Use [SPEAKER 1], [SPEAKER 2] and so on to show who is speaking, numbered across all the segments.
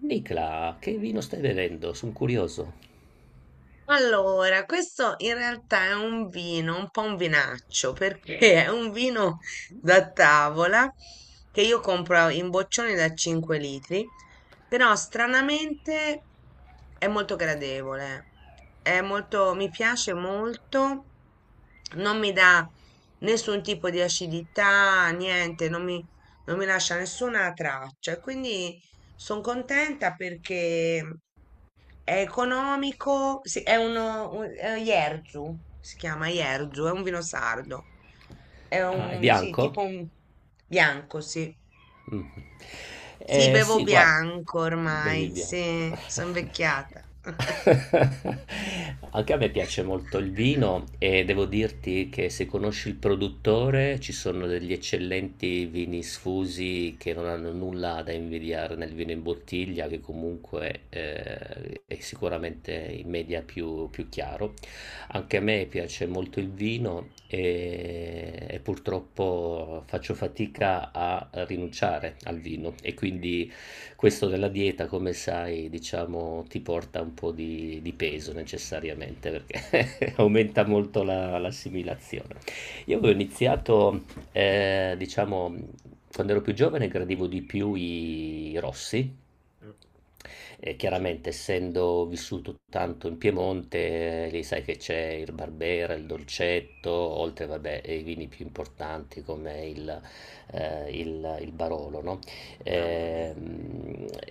[SPEAKER 1] Nicla, che vino stai bevendo? Sono curioso.
[SPEAKER 2] Allora, questo in realtà è un vino, un po' un vinaccio, perché è un vino da tavola che io compro in boccioni da 5 litri, però stranamente è molto gradevole, è molto, mi piace molto, non mi dà nessun tipo di acidità, niente, non mi, non mi lascia nessuna traccia, e quindi sono contenta perché è economico, sì, è Jerzu, si chiama Jerzu, è un vino sardo. È
[SPEAKER 1] Ah, è
[SPEAKER 2] un, sì, tipo
[SPEAKER 1] bianco?
[SPEAKER 2] un bianco, sì.
[SPEAKER 1] Mm.
[SPEAKER 2] Sì, bevo
[SPEAKER 1] Sì, guarda,
[SPEAKER 2] bianco
[SPEAKER 1] bevi
[SPEAKER 2] ormai,
[SPEAKER 1] bianco.
[SPEAKER 2] sì, sono invecchiata.
[SPEAKER 1] Anche a me piace molto il vino e devo dirti che se conosci il produttore ci sono degli eccellenti vini sfusi che non hanno nulla da invidiare nel vino in bottiglia, che comunque è sicuramente in media più chiaro. Anche a me piace molto il vino e purtroppo faccio fatica a rinunciare al vino e quindi questo della dieta, come sai, diciamo, ti porta un po' di peso necessariamente perché aumenta molto l'assimilazione. Io avevo iniziato, diciamo, quando ero più giovane gradivo di più i rossi,
[SPEAKER 2] Mm.
[SPEAKER 1] e
[SPEAKER 2] Anch'io.
[SPEAKER 1] chiaramente, essendo vissuto tanto in Piemonte, lì sai che c'è il Barbera, il Dolcetto, oltre vabbè, ai vini più importanti come il Barolo, no?
[SPEAKER 2] Mamma mia.
[SPEAKER 1] Ehm,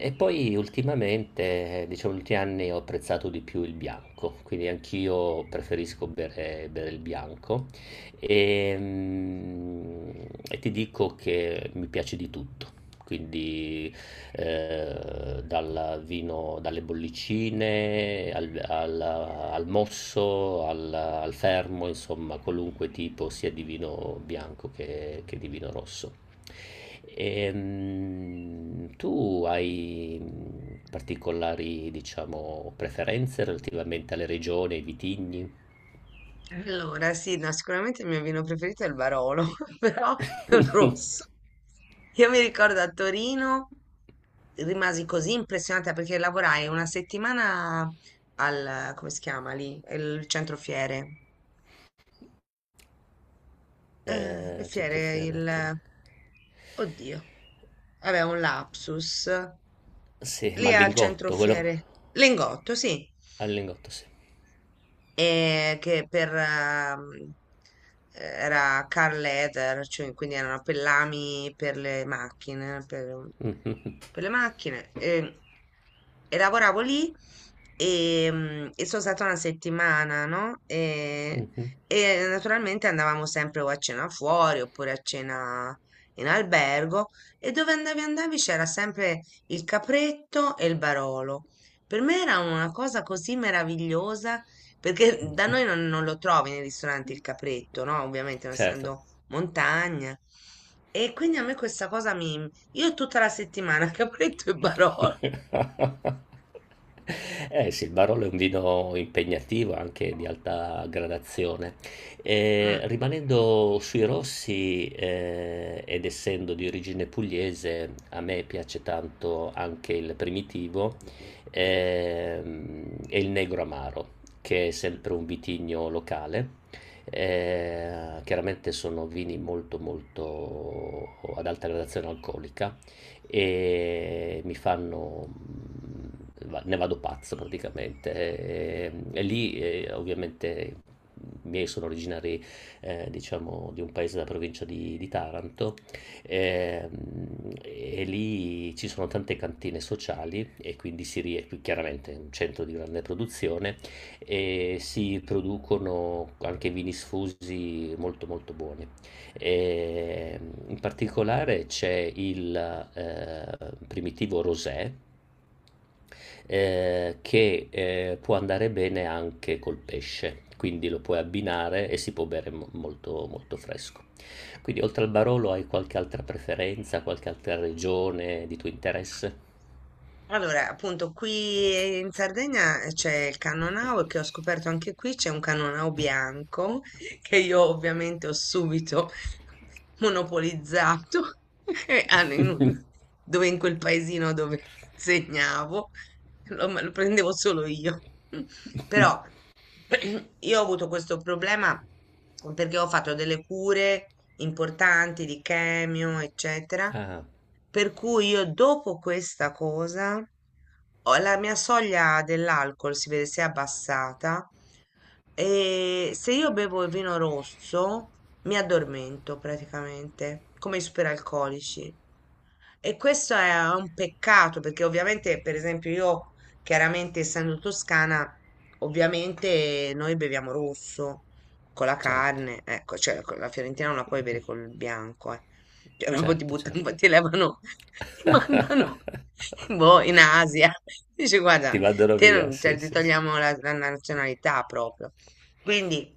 [SPEAKER 1] E poi ultimamente, diciamo, negli ultimi anni ho apprezzato di più il bianco, quindi anch'io preferisco bere il bianco. Ehm, E ti dico che mi piace di tutto. Quindi dal vino, dalle bollicine al mosso, al fermo, insomma, qualunque tipo sia di vino bianco che di vino rosso. Tu hai particolari, diciamo, preferenze relativamente alle regioni, ai vitigni?
[SPEAKER 2] Allora, sì, no, sicuramente il mio vino preferito è il Barolo, però è un rosso. Io mi ricordo a Torino, rimasi così impressionata perché lavorai una settimana al, come si chiama lì? Il centro fiere. Le fiere,
[SPEAKER 1] Centrofiale, attore.
[SPEAKER 2] Oddio. Vabbè, un lapsus.
[SPEAKER 1] Sì, ma
[SPEAKER 2] Lì
[SPEAKER 1] al
[SPEAKER 2] al centro
[SPEAKER 1] lingotto, quello
[SPEAKER 2] fiere. Lingotto, sì.
[SPEAKER 1] al lingotto, sì.
[SPEAKER 2] E che per era car leather, cioè quindi erano pellami per le macchine,
[SPEAKER 1] Mhm,
[SPEAKER 2] per le macchine e lavoravo lì e sono stata una settimana, no? E,
[SPEAKER 1] mhm.
[SPEAKER 2] e naturalmente andavamo sempre o a cena fuori oppure a cena in albergo e dove andavi c'era sempre il capretto e il Barolo. Per me era una cosa così meravigliosa perché da noi non, non lo trovi nei ristoranti il capretto, no? Ovviamente non
[SPEAKER 1] Certo.
[SPEAKER 2] essendo montagna. E quindi a me questa cosa mi, io è tutta la settimana, capretto e Barolo.
[SPEAKER 1] Eh sì, il Barolo è un vino impegnativo, anche di alta gradazione.
[SPEAKER 2] Mm,
[SPEAKER 1] Rimanendo sui rossi, ed essendo di origine pugliese, a me piace tanto anche il primitivo,
[SPEAKER 2] mi dico.
[SPEAKER 1] e il negro amaro, che è
[SPEAKER 2] Eh, eh.
[SPEAKER 1] sempre un vitigno locale.
[SPEAKER 2] eh.
[SPEAKER 1] Chiaramente sono vini molto ad alta gradazione alcolica e mi fanno ne vado pazzo praticamente. E lì ovviamente i miei sono originari diciamo di un paese della provincia di Taranto e, mm, e lì ci sono tante cantine sociali e quindi si rie- qui chiaramente è un centro di grande produzione e si producono anche vini sfusi molto buoni. E in particolare c'è il eh, primitivo rosé che può andare bene anche col pesce, quindi lo puoi abbinare e si può bere mo- molto fresco. Quindi oltre al Barolo hai qualche altra preferenza, qualche altra regione di tuo interesse?
[SPEAKER 2] Allora, appunto, qui in Sardegna c'è il Cannonau e che ho scoperto anche qui c'è un Cannonau bianco che io ovviamente ho subito monopolizzato e hanno dove in quel paesino dove insegnavo me lo prendevo solo io. Però io ho avuto questo problema perché ho fatto delle cure importanti di chemio, eccetera,
[SPEAKER 1] Ah,
[SPEAKER 2] per cui io dopo questa cosa la mia soglia dell'alcol si vede si è abbassata e se io bevo il vino rosso mi addormento praticamente, come i superalcolici. E questo è un peccato perché ovviamente, per esempio, io. Chiaramente, essendo toscana, ovviamente noi beviamo rosso con la
[SPEAKER 1] certo,
[SPEAKER 2] carne, ecco, cioè con la fiorentina non la puoi bere col bianco, eh. Cioè, proprio ti
[SPEAKER 1] certo.
[SPEAKER 2] buttano, ti levano, ti mandano boh, in Asia. Dici, guarda,
[SPEAKER 1] Ti mandano
[SPEAKER 2] te
[SPEAKER 1] via,
[SPEAKER 2] non,
[SPEAKER 1] sì,
[SPEAKER 2] cioè, ti
[SPEAKER 1] sì, sì.
[SPEAKER 2] togliamo la nazionalità proprio. Quindi.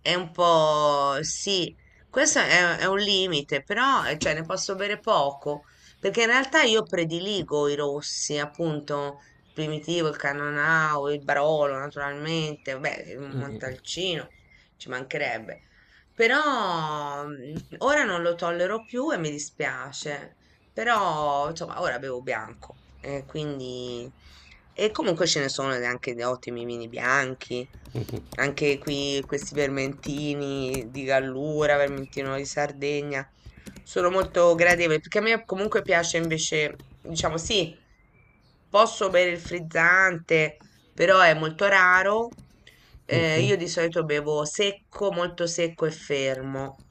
[SPEAKER 2] È un po' sì, questo è un limite, però cioè, ne posso bere poco, perché in realtà io prediligo i rossi, appunto, il primitivo, il Cannonau, il Barolo, naturalmente, vabbè, il Montalcino, ci mancherebbe. Però ora non lo tollero più e mi dispiace, però insomma, ora bevo bianco, quindi e comunque ce ne sono anche di ottimi vini bianchi, anche qui questi vermentini di Gallura, vermentino di Sardegna, sono molto gradevoli, perché a me comunque piace invece, diciamo sì, posso bere il frizzante, però è molto raro.
[SPEAKER 1] Mhm.
[SPEAKER 2] Io di solito bevo secco, molto secco e fermo,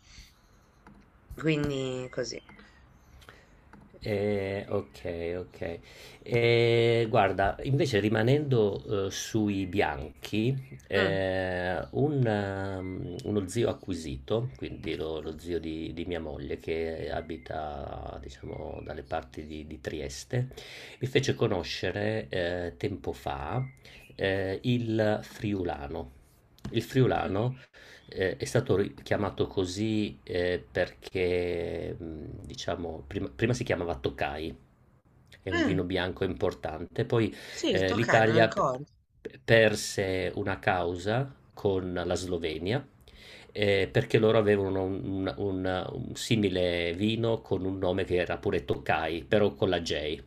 [SPEAKER 2] quindi così.
[SPEAKER 1] Ok, ok. Guarda, invece rimanendo sui bianchi,
[SPEAKER 2] Mm.
[SPEAKER 1] un, uno zio acquisito, quindi lo zio di mia moglie che abita, diciamo, dalle parti di Trieste, mi fece conoscere tempo fa il friulano. Il friulano è stato ri- chiamato così perché, diciamo, prima si chiamava Tokai, è un vino
[SPEAKER 2] Mm.
[SPEAKER 1] bianco importante, poi
[SPEAKER 2] Sì, il Toccai me lo
[SPEAKER 1] l'Italia
[SPEAKER 2] ricordo.
[SPEAKER 1] perse una causa con la Slovenia perché loro avevano un, un simile vino con un nome che era pure Tokai, però con la J.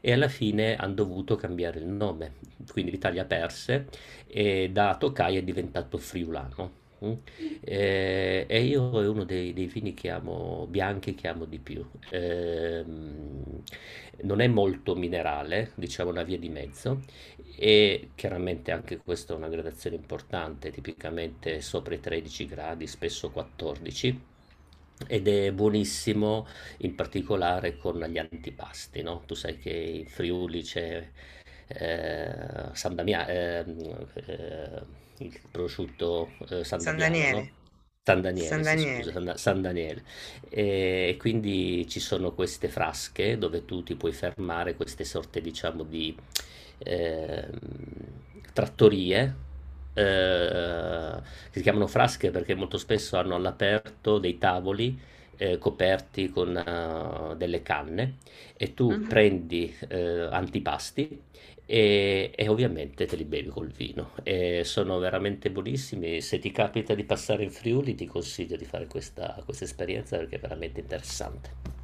[SPEAKER 1] E alla fine hanno dovuto cambiare il nome, quindi l'Italia perse e da Tokai è diventato friulano. Mm. E io è uno dei, dei vini che amo, bianchi che amo di più. Ehm, non è molto minerale, diciamo una via di mezzo, e chiaramente anche questa è una gradazione importante, tipicamente sopra i 13 gradi, spesso 14. Ed è buonissimo in particolare con gli antipasti, no? Tu sai che in Friuli c'è eh, San Damia- ehm, eh, il prosciutto San
[SPEAKER 2] San
[SPEAKER 1] Damiano, no?
[SPEAKER 2] Daniele,
[SPEAKER 1] San Daniele,
[SPEAKER 2] San
[SPEAKER 1] si scusa,
[SPEAKER 2] Daniele.
[SPEAKER 1] San Daniele. E quindi ci sono queste frasche dove tu ti puoi fermare, queste sorte, diciamo, di ehm, trattorie. Eh, che si chiamano frasche perché molto spesso hanno all'aperto dei tavoli coperti con delle canne e tu
[SPEAKER 2] Mhm.
[SPEAKER 1] prendi antipasti e ovviamente te li bevi col vino. E sono veramente buonissimi. Se ti capita di passare in Friuli, ti consiglio di fare questa esperienza perché è veramente interessante.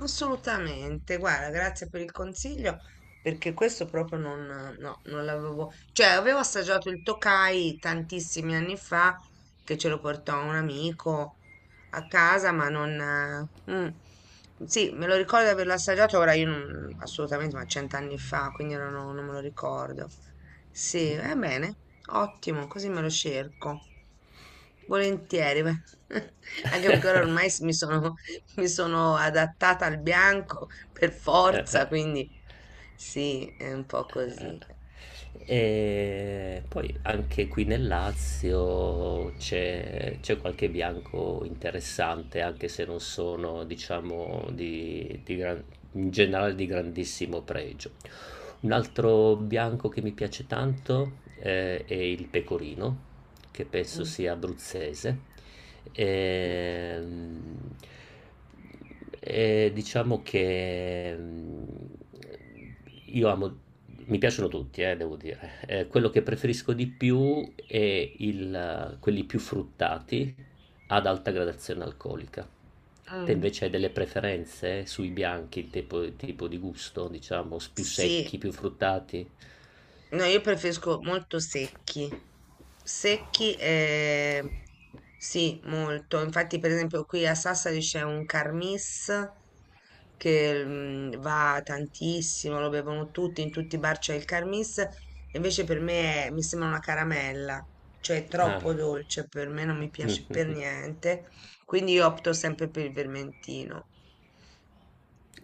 [SPEAKER 2] Assolutamente, guarda, grazie per il consiglio, perché questo proprio non, no, non l'avevo, cioè avevo assaggiato il Tokai tantissimi anni fa, che ce lo portò un amico a casa, ma non, mm, sì, me lo ricordo di averlo assaggiato, ora io non, assolutamente, ma cent'anni fa, quindi ora non me lo ricordo. Sì, va bene, ottimo, così me lo cerco. Volentieri, beh. Anche perché ora ormai mi sono adattata al bianco per
[SPEAKER 1] Eh.
[SPEAKER 2] forza, quindi sì, è un po'
[SPEAKER 1] Eh,
[SPEAKER 2] così.
[SPEAKER 1] e poi anche qui nel Lazio c'è qualche bianco interessante, anche se non sono, diciamo, di gran- in generale di grandissimo pregio. Un altro bianco che mi piace tanto è il pecorino, che penso
[SPEAKER 2] Mm,
[SPEAKER 1] sia abruzzese.
[SPEAKER 2] mm,
[SPEAKER 1] Ehm, E diciamo che mm, io amo mi piacciono tutti, devo dire. Quello che preferisco di più è il, quelli più fruttati ad alta gradazione alcolica. Te
[SPEAKER 2] mm.
[SPEAKER 1] invece hai delle preferenze sui bianchi, il tipo di gusto, diciamo, s- più secchi,
[SPEAKER 2] Sì,
[SPEAKER 1] più fruttati?
[SPEAKER 2] no, io preferisco molto secchi.
[SPEAKER 1] Ah,
[SPEAKER 2] Secchi,
[SPEAKER 1] ok.
[SPEAKER 2] sì, molto. Infatti, per esempio, qui a Sassari c'è un Carmis che va tantissimo, lo bevono tutti, in tutti i bar c'è il Carmis. Invece per me mi sembra una caramella, cioè è
[SPEAKER 1] Ah,
[SPEAKER 2] troppo dolce, per me non mi piace per
[SPEAKER 1] mhm.
[SPEAKER 2] niente. Quindi io opto sempre per il vermentino.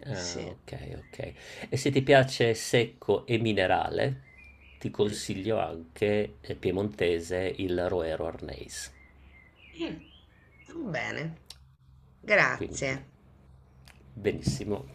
[SPEAKER 1] Ah,
[SPEAKER 2] Sì.
[SPEAKER 1] ok, ok. E se ti piace secco e minerale, ti consiglio anche piemontese il Roero Arneis.
[SPEAKER 2] Mm. Bene,
[SPEAKER 1] Quindi,
[SPEAKER 2] grazie.
[SPEAKER 1] benissimo.